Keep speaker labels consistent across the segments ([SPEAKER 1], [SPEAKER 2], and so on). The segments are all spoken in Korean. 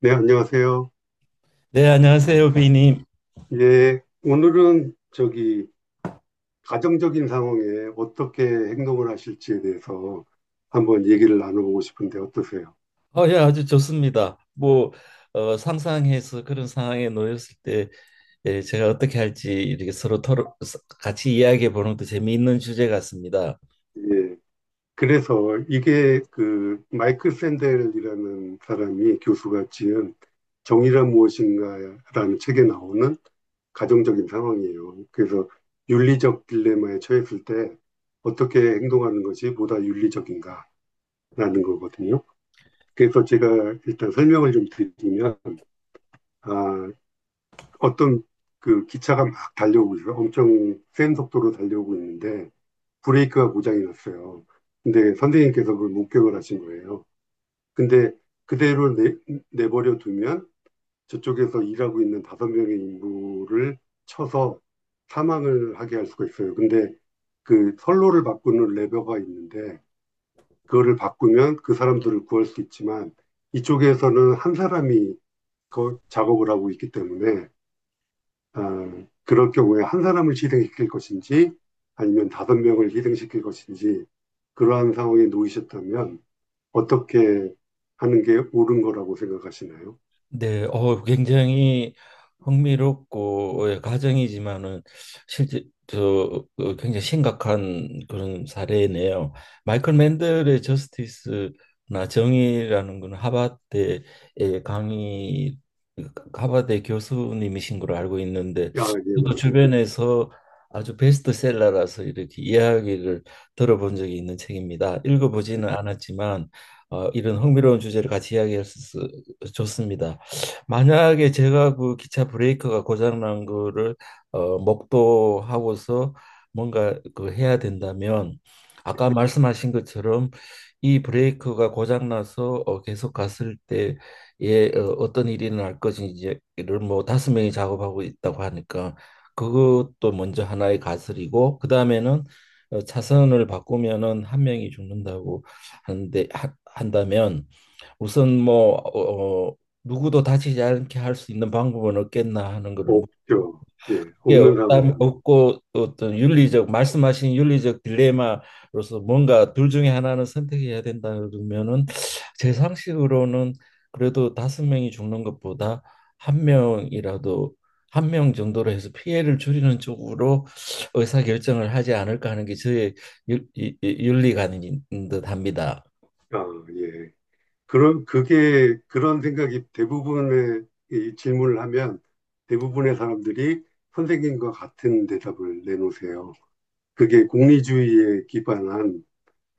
[SPEAKER 1] 네, 안녕하세요.
[SPEAKER 2] 네, 안녕하세요, 비님.
[SPEAKER 1] 예, 오늘은 저기 가정적인 상황에 어떻게 행동을 하실지에 대해서 한번 얘기를 나눠보고 싶은데 어떠세요?
[SPEAKER 2] 예, 아주 좋습니다. 뭐 상상해서 그런 상황에 놓였을 때 예, 제가 어떻게 할지 이렇게 서로 토론, 같이 이야기해 보는 것도 재미있는 주제 같습니다.
[SPEAKER 1] 예, 그래서 이게 그 마이클 샌델이라는 사람이 교수가 지은 정의란 무엇인가라는 책에 나오는 가정적인 상황이에요. 그래서 윤리적 딜레마에 처했을 때 어떻게 행동하는 것이 보다 윤리적인가라는 거거든요. 그래서 제가 일단 설명을 좀 드리면, 아, 어떤 그 기차가 막 달려오고 있어요. 엄청 센 속도로 달려오고 있는데, 브레이크가 고장이 났어요. 근데 선생님께서 그걸 목격을 하신 거예요. 근데 그대로 내버려 두면 저쪽에서 일하고 있는 다섯 명의 인부를 쳐서 사망을 하게 할 수가 있어요. 근데 그 선로를 바꾸는 레버가 있는데 그거를 바꾸면 그 사람들을 구할 수 있지만 이쪽에서는 한 사람이 그 작업을 하고 있기 때문에 그럴 경우에 한 사람을 희생시킬 것인지 아니면 다섯 명을 희생시킬 것인지 그러한 상황에 놓이셨다면 어떻게 하는 게 옳은 거라고 생각하시나요?
[SPEAKER 2] 네, 굉장히 흥미롭고 예, 가정이지만은 실제 저 굉장히 심각한 그런 사례네요. 마이클 맨델의 저스티스나 정의라는 건 하버드의 강의 하버드 교수님이신 걸로 알고 있는데
[SPEAKER 1] 아, 예,
[SPEAKER 2] 저
[SPEAKER 1] 맞습니다.
[SPEAKER 2] 주변에서 아주 베스트셀러라서 이렇게 이야기를 들어본 적이 있는 책입니다. 읽어보지는 않았지만 이런 흥미로운 주제를 같이 이야기할 수 있어 좋습니다. 만약에 제가 그 기차 브레이크가 고장 난 거를 목도하고서 뭔가 그 해야 된다면 아까 말씀하신 것처럼 이 브레이크가 고장 나서 계속 갔을 때에 어떤 일이 날 것인지를 뭐 다섯 명이 작업하고 있다고 하니까 그것도 먼저 하나의 가설이고 그 다음에는 차선을 바꾸면은 한 명이 죽는다고 하는데 한다면 우선 뭐 누구도 다치지 않게 할 수 있는 방법은 없겠나 하는 거를 묻고
[SPEAKER 1] 없죠. 예,
[SPEAKER 2] 그게
[SPEAKER 1] 없는
[SPEAKER 2] 없다면
[SPEAKER 1] 상황입니다.
[SPEAKER 2] 없고 어떤 윤리적 말씀하신 윤리적 딜레마로서 뭔가 둘 중에 하나는 선택해야 된다 그러면은 제 상식으로는 그래도 다섯 명이 죽는 것보다 한 명이라도 한 명 정도로 해서 피해를 줄이는 쪽으로 의사 결정을 하지 않을까 하는 게 저의 윤리관인 듯합니다.
[SPEAKER 1] 아, 예. 그런 생각이 대부분의 이 질문을 하면 대부분의 사람들이 선생님과 같은 대답을 내놓으세요. 그게 공리주의에 기반한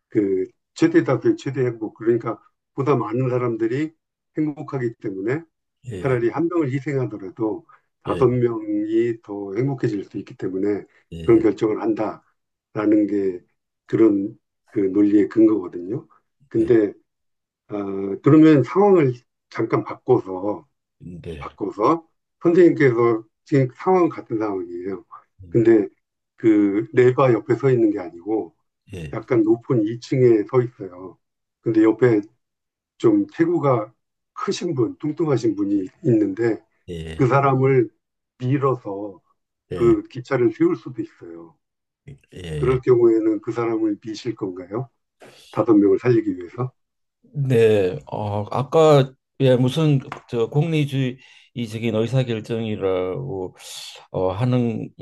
[SPEAKER 1] 그 최대다 그 최대 행복 그러니까 보다 많은 사람들이 행복하기 때문에
[SPEAKER 2] 예,
[SPEAKER 1] 차라리 한 명을 희생하더라도
[SPEAKER 2] 예,
[SPEAKER 1] 다섯 명이 더 행복해질 수 있기 때문에 그런
[SPEAKER 2] 예.
[SPEAKER 1] 결정을 한다라는 게 그런 그 논리의 근거거든요.
[SPEAKER 2] 예.
[SPEAKER 1] 근데 어, 그러면 상황을 잠깐 바꿔서
[SPEAKER 2] 네.
[SPEAKER 1] 바꿔서 선생님께서 지금 상황 같은 상황이에요. 근데 그 레바 옆에 서 있는 게 아니고
[SPEAKER 2] 예.
[SPEAKER 1] 약간 높은 2층에 서 있어요. 근데 옆에 좀 체구가 크신 분, 뚱뚱하신 분이 있는데 그
[SPEAKER 2] 예.
[SPEAKER 1] 사람을 밀어서
[SPEAKER 2] 예.
[SPEAKER 1] 그 기차를 세울 수도 있어요.
[SPEAKER 2] 예.
[SPEAKER 1] 그럴 경우에는 그 사람을 미실 건가요? 다섯 명을 살리기 위해서?
[SPEAKER 2] 네, 아까 예 무슨 저 공리주의적인 의사결정이라고 하는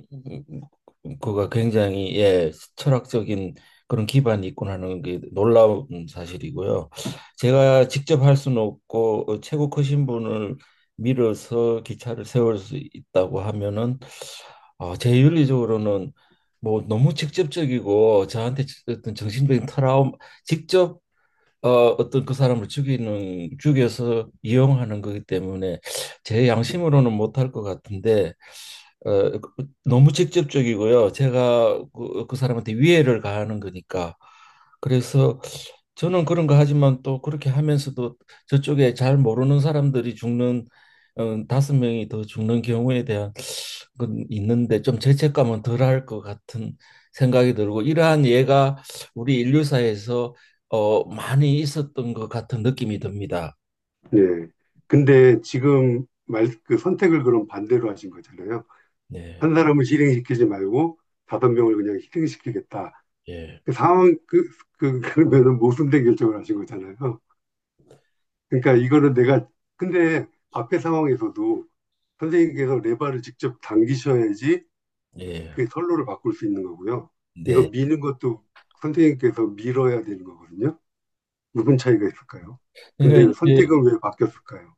[SPEAKER 2] 그가 굉장히 예 철학적인 그런 기반이 있군 하는 게 놀라운 사실이고요. 제가 직접 할 수는 없고 최고 크신 분을 밀어서 기차를 세울 수 있다고 하면은 제 윤리적으로는 뭐 너무 직접적이고 저한테 어떤 정신적인 트라우마 직접 어, 어떤 그 사람을 죽이는 죽여서 이용하는 거기 때문에 제 양심으로는 못할 것 같은데 너무 직접적이고요. 제가 그 사람한테 위해를 가하는 거니까 그래서 저는 그런 거 하지만 또 그렇게 하면서도 저쪽에 잘 모르는 사람들이 죽는 다섯 명이 더 죽는 경우에 대한 건 있는데 좀 죄책감은 덜할 것 같은 생각이 들고 이러한 예가 우리 인류사에서 많이 있었던 것 같은 느낌이 듭니다.
[SPEAKER 1] 예. 근데 그 선택을 그럼 반대로 하신 거잖아요.
[SPEAKER 2] 네,
[SPEAKER 1] 한 사람을 실행시키지 말고 다섯 명을 그냥 희생시키겠다.
[SPEAKER 2] 예,
[SPEAKER 1] 그 상황, 그, 그러면은 모순된 결정을 하신 거잖아요. 그러니까 이거는 내가 근데 앞에 상황에서도 선생님께서 레바를 직접 당기셔야지
[SPEAKER 2] 예,
[SPEAKER 1] 그 선로를 바꿀 수 있는 거고요. 이거
[SPEAKER 2] 네.
[SPEAKER 1] 미는 것도 선생님께서 밀어야 되는 거거든요. 무슨 차이가 있을까요? 근데
[SPEAKER 2] 그러니까 이제
[SPEAKER 1] 선택은 왜 바뀌었을까요?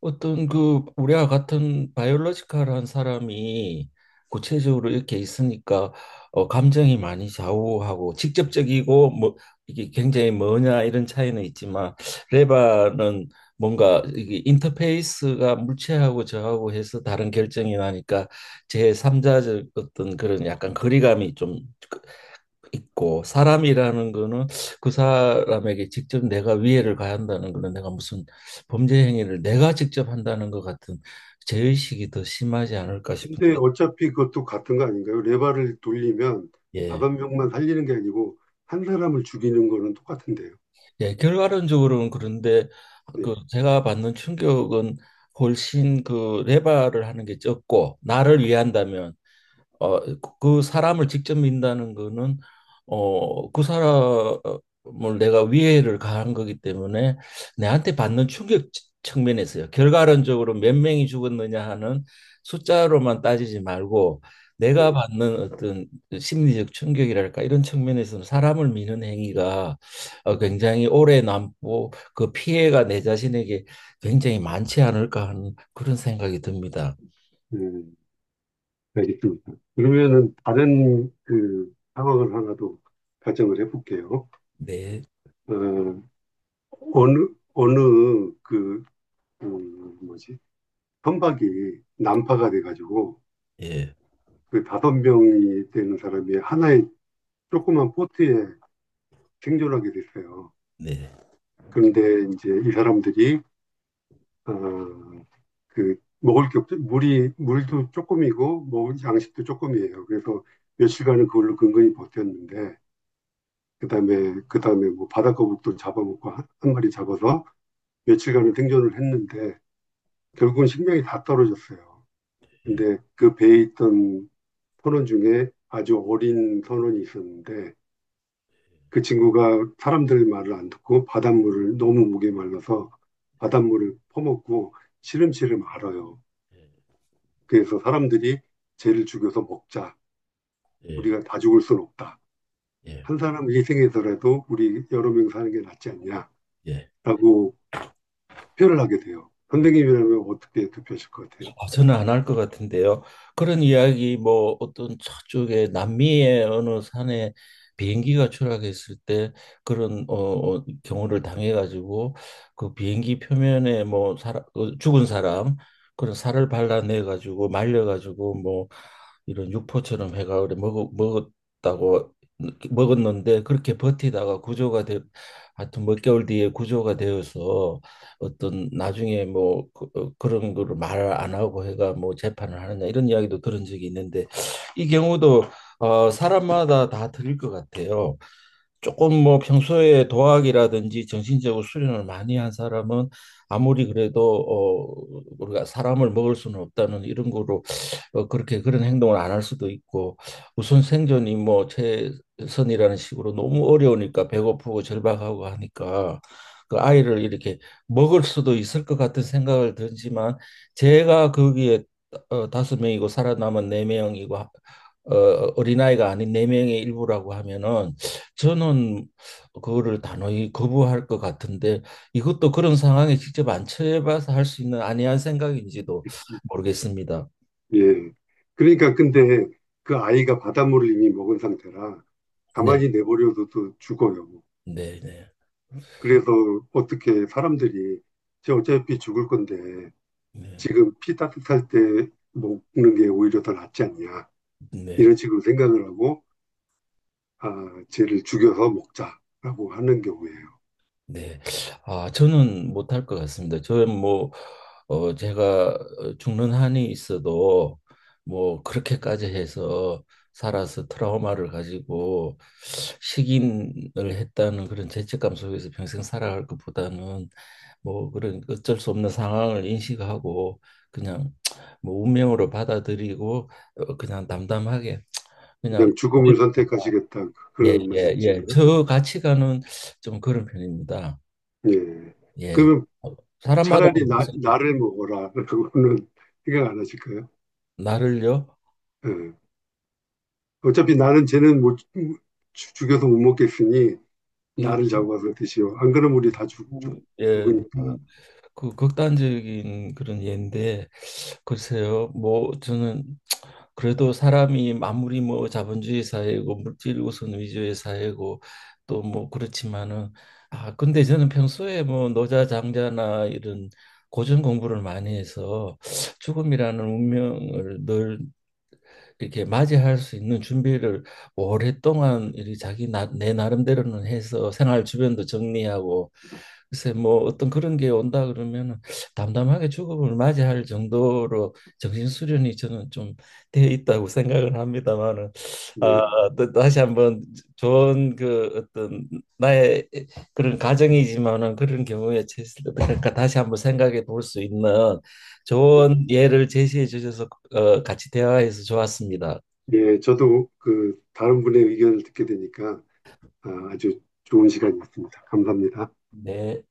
[SPEAKER 2] 어떤 그 우리와 같은 바이올로지컬한 사람이 구체적으로 이렇게 있으니까 감정이 많이 좌우하고 직접적이고 뭐 이게 굉장히 뭐냐 이런 차이는 있지만 레바는 뭔가 이게 인터페이스가 물체하고 저하고 해서 다른 결정이 나니까 제3자적 어떤 그런 약간 거리감이 좀 그 있고 사람이라는 거는 그 사람에게 직접 내가 위해를 가한다는 거는 내가 무슨 범죄 행위를 내가 직접 한다는 것 같은 죄의식이 더 심하지 않을까
[SPEAKER 1] 근데
[SPEAKER 2] 싶은데
[SPEAKER 1] 어차피 그것도 같은 거 아닌가요? 레바를 돌리면
[SPEAKER 2] 예,
[SPEAKER 1] 다섯 명만 살리는 게 아니고 한 사람을 죽이는 거는 똑같은데요.
[SPEAKER 2] 예 결과론적으로는 그런데
[SPEAKER 1] 네,
[SPEAKER 2] 그 제가 받는 충격은 훨씬 그 레바를 하는 게 적고 나를 위한다면 어, 그 사람을 직접 민다는 거는 그 사람을 내가 위해를 가한 거기 때문에 내한테 받는 충격 측면에서요. 결과론적으로 몇 명이 죽었느냐 하는 숫자로만 따지지 말고
[SPEAKER 1] 네,
[SPEAKER 2] 내가 받는 어떤 심리적 충격이랄까 이런 측면에서는 사람을 미는 행위가 굉장히 오래 남고 그 피해가 내 자신에게 굉장히 많지 않을까 하는 그런 생각이 듭니다.
[SPEAKER 1] 음, 알겠습니다. 그러면은 다른 그 상황을 하나 더 가정을 해볼게요.
[SPEAKER 2] 네,
[SPEAKER 1] 어, 어느, 어느, 그, 음, 뭐지, 선박이 난파가 돼가지고,
[SPEAKER 2] 예,
[SPEAKER 1] 그 다섯 명이 되는 사람이 하나의 조그만 보트에 생존하게 됐어요.
[SPEAKER 2] 네.
[SPEAKER 1] 그런데 이제 이 사람들이, 어, 먹을 게 없죠. 물도 조금이고, 먹을 양식도 조금이에요. 그래서 며칠간은 그걸로 근근히 버텼는데, 그 다음에, 그 다음에 뭐 바다거북도 잡아먹고 한 마리 잡아서 며칠간은 생존을 했는데, 결국은 식량이 다 떨어졌어요. 근데 그 배에 있던 선원 중에 아주 어린 선원이 있었는데 그 친구가 사람들 말을 안 듣고 바닷물을 너무 목에 말라서 바닷물을 퍼먹고 시름시름 앓아요.
[SPEAKER 2] 예.
[SPEAKER 1] 그래서 사람들이 쟤를 죽여서 먹자.
[SPEAKER 2] 예.
[SPEAKER 1] 우리가 다 죽을 순 없다.
[SPEAKER 2] 예,
[SPEAKER 1] 한 사람 희생해서라도 우리 여러 명 사는 게 낫지
[SPEAKER 2] 예.
[SPEAKER 1] 않냐라고 투표를 하게 돼요. 선생님이라면 어떻게 투표하실 것 같아요?
[SPEAKER 2] 아, 저는 안 할 것 같은데요. 그런 이야기 뭐 어떤 저쪽에 남미의 어느 산에 비행기가 추락했을 때 그런 경우를 당해가지고 그 비행기 표면에 뭐 사람 죽은 사람 그런 살을 발라내가지고 말려가지고 뭐 이런 육포처럼 해가 그래 먹 먹었다고 먹었는데 그렇게 버티다가 구조가 돼 하여튼 몇 개월 뒤에 구조가 되어서 어떤 나중에 뭐 그런 거를 말 안 하고 해가 뭐 재판을 하느냐 이런 이야기도 들은 적이 있는데 이 경우도 사람마다 다 틀릴 것 같아요. 조금 뭐 평소에 도학이라든지 정신적으로 수련을 많이 한 사람은 아무리 그래도 우리가 사람을 먹을 수는 없다는 이런 거로 그렇게 그런 행동을 안 할 수도 있고 우선 생존이 뭐 최선이라는 식으로 너무 어려우니까 배고프고 절박하고 하니까 그 아이를 이렇게 먹을 수도 있을 것 같은 생각을 들지만 제가 거기에 다섯 명이고 살아남은 네 명이고 어, 어린아이가 아닌 네 명의 일부라고 하면은 저는 그거를 단호히 거부할 것 같은데 이것도 그런 상황에 직접 안 처해봐서 할 수 있는 안이한 생각인지도 모르겠습니다.
[SPEAKER 1] 예. 그러니까 근데 그 아이가 바닷물을 이미 먹은 상태라
[SPEAKER 2] 네.
[SPEAKER 1] 가만히 내버려둬도 죽어요.
[SPEAKER 2] 네네.
[SPEAKER 1] 그래서 어떻게 사람들이 쟤 어차피 죽을 건데
[SPEAKER 2] 네,
[SPEAKER 1] 지금 피 따뜻할 때 먹는 게 오히려 더 낫지 않냐
[SPEAKER 2] 네,
[SPEAKER 1] 이런 식으로 생각을 하고 아, 쟤를 죽여서 먹자라고 하는 경우에요.
[SPEAKER 2] 네. 아, 저는 못할 것 같습니다. 저는 뭐, 제가 죽는 한이 있어도 뭐, 그렇게까지 해서 살아서 트라우마를 가지고 식인을 했다는 그런 죄책감 속에서 평생 살아갈 것보다는 뭐, 그런 어쩔 수 없는 상황을 인식하고 그냥 뭐, 운명으로 받아들이고 그냥 담담하게 그냥
[SPEAKER 1] 그냥 죽음을 선택하시겠다
[SPEAKER 2] 예,
[SPEAKER 1] 그런
[SPEAKER 2] 예, 예.
[SPEAKER 1] 말씀이신가요?
[SPEAKER 2] 저 가치관은 좀 그런 편입니다.
[SPEAKER 1] 예.
[SPEAKER 2] 예.
[SPEAKER 1] 그러면
[SPEAKER 2] 사람마다
[SPEAKER 1] 차라리
[SPEAKER 2] 다르죠.
[SPEAKER 1] 나를 먹어라라고는 생각 안 하실까요?
[SPEAKER 2] 나를요.
[SPEAKER 1] 예. 어차피 나는 쟤는 못 죽- 죽여서 못 먹겠으니
[SPEAKER 2] 예,
[SPEAKER 1] 나를 잡아서 드시오. 안 그러면 우리
[SPEAKER 2] 너무, 예,
[SPEAKER 1] 죽으니까.
[SPEAKER 2] 너무 그 극단적인 그런 예인데 글쎄요. 뭐 저는 그래도 사람이 아무리 뭐 자본주의 사회고 물질 우선 위주의 사회고 또 뭐 그렇지만은 아 근데 저는 평소에 뭐 노자 장자나 이런 고전 공부를 많이 해서 죽음이라는 운명을 늘 이렇게 맞이할 수 있는 준비를 오랫동안 이 자기 내 나름대로는 해서 생활 주변도 정리하고 글쎄 뭐 어떤 그런 게 온다 그러면은 담담하게 죽음을 맞이할 정도로 정신 수련이 저는 좀 돼 있다고 생각을 합니다만은 아,
[SPEAKER 1] 예,
[SPEAKER 2] 또 다시 한번 좋은 그 어떤 나의 그런 가정이지만은 그런 경우에 처했을 때 어떨까 다시 한번 생각해 볼 수 있는
[SPEAKER 1] 예.
[SPEAKER 2] 좋은 예를 제시해 주셔서 같이 대화해서 좋았습니다.
[SPEAKER 1] 예, 저도 그 다른 분의 의견을 듣게 되니까 아, 아주 좋은 시간이었습니다. 감사합니다.
[SPEAKER 2] 네.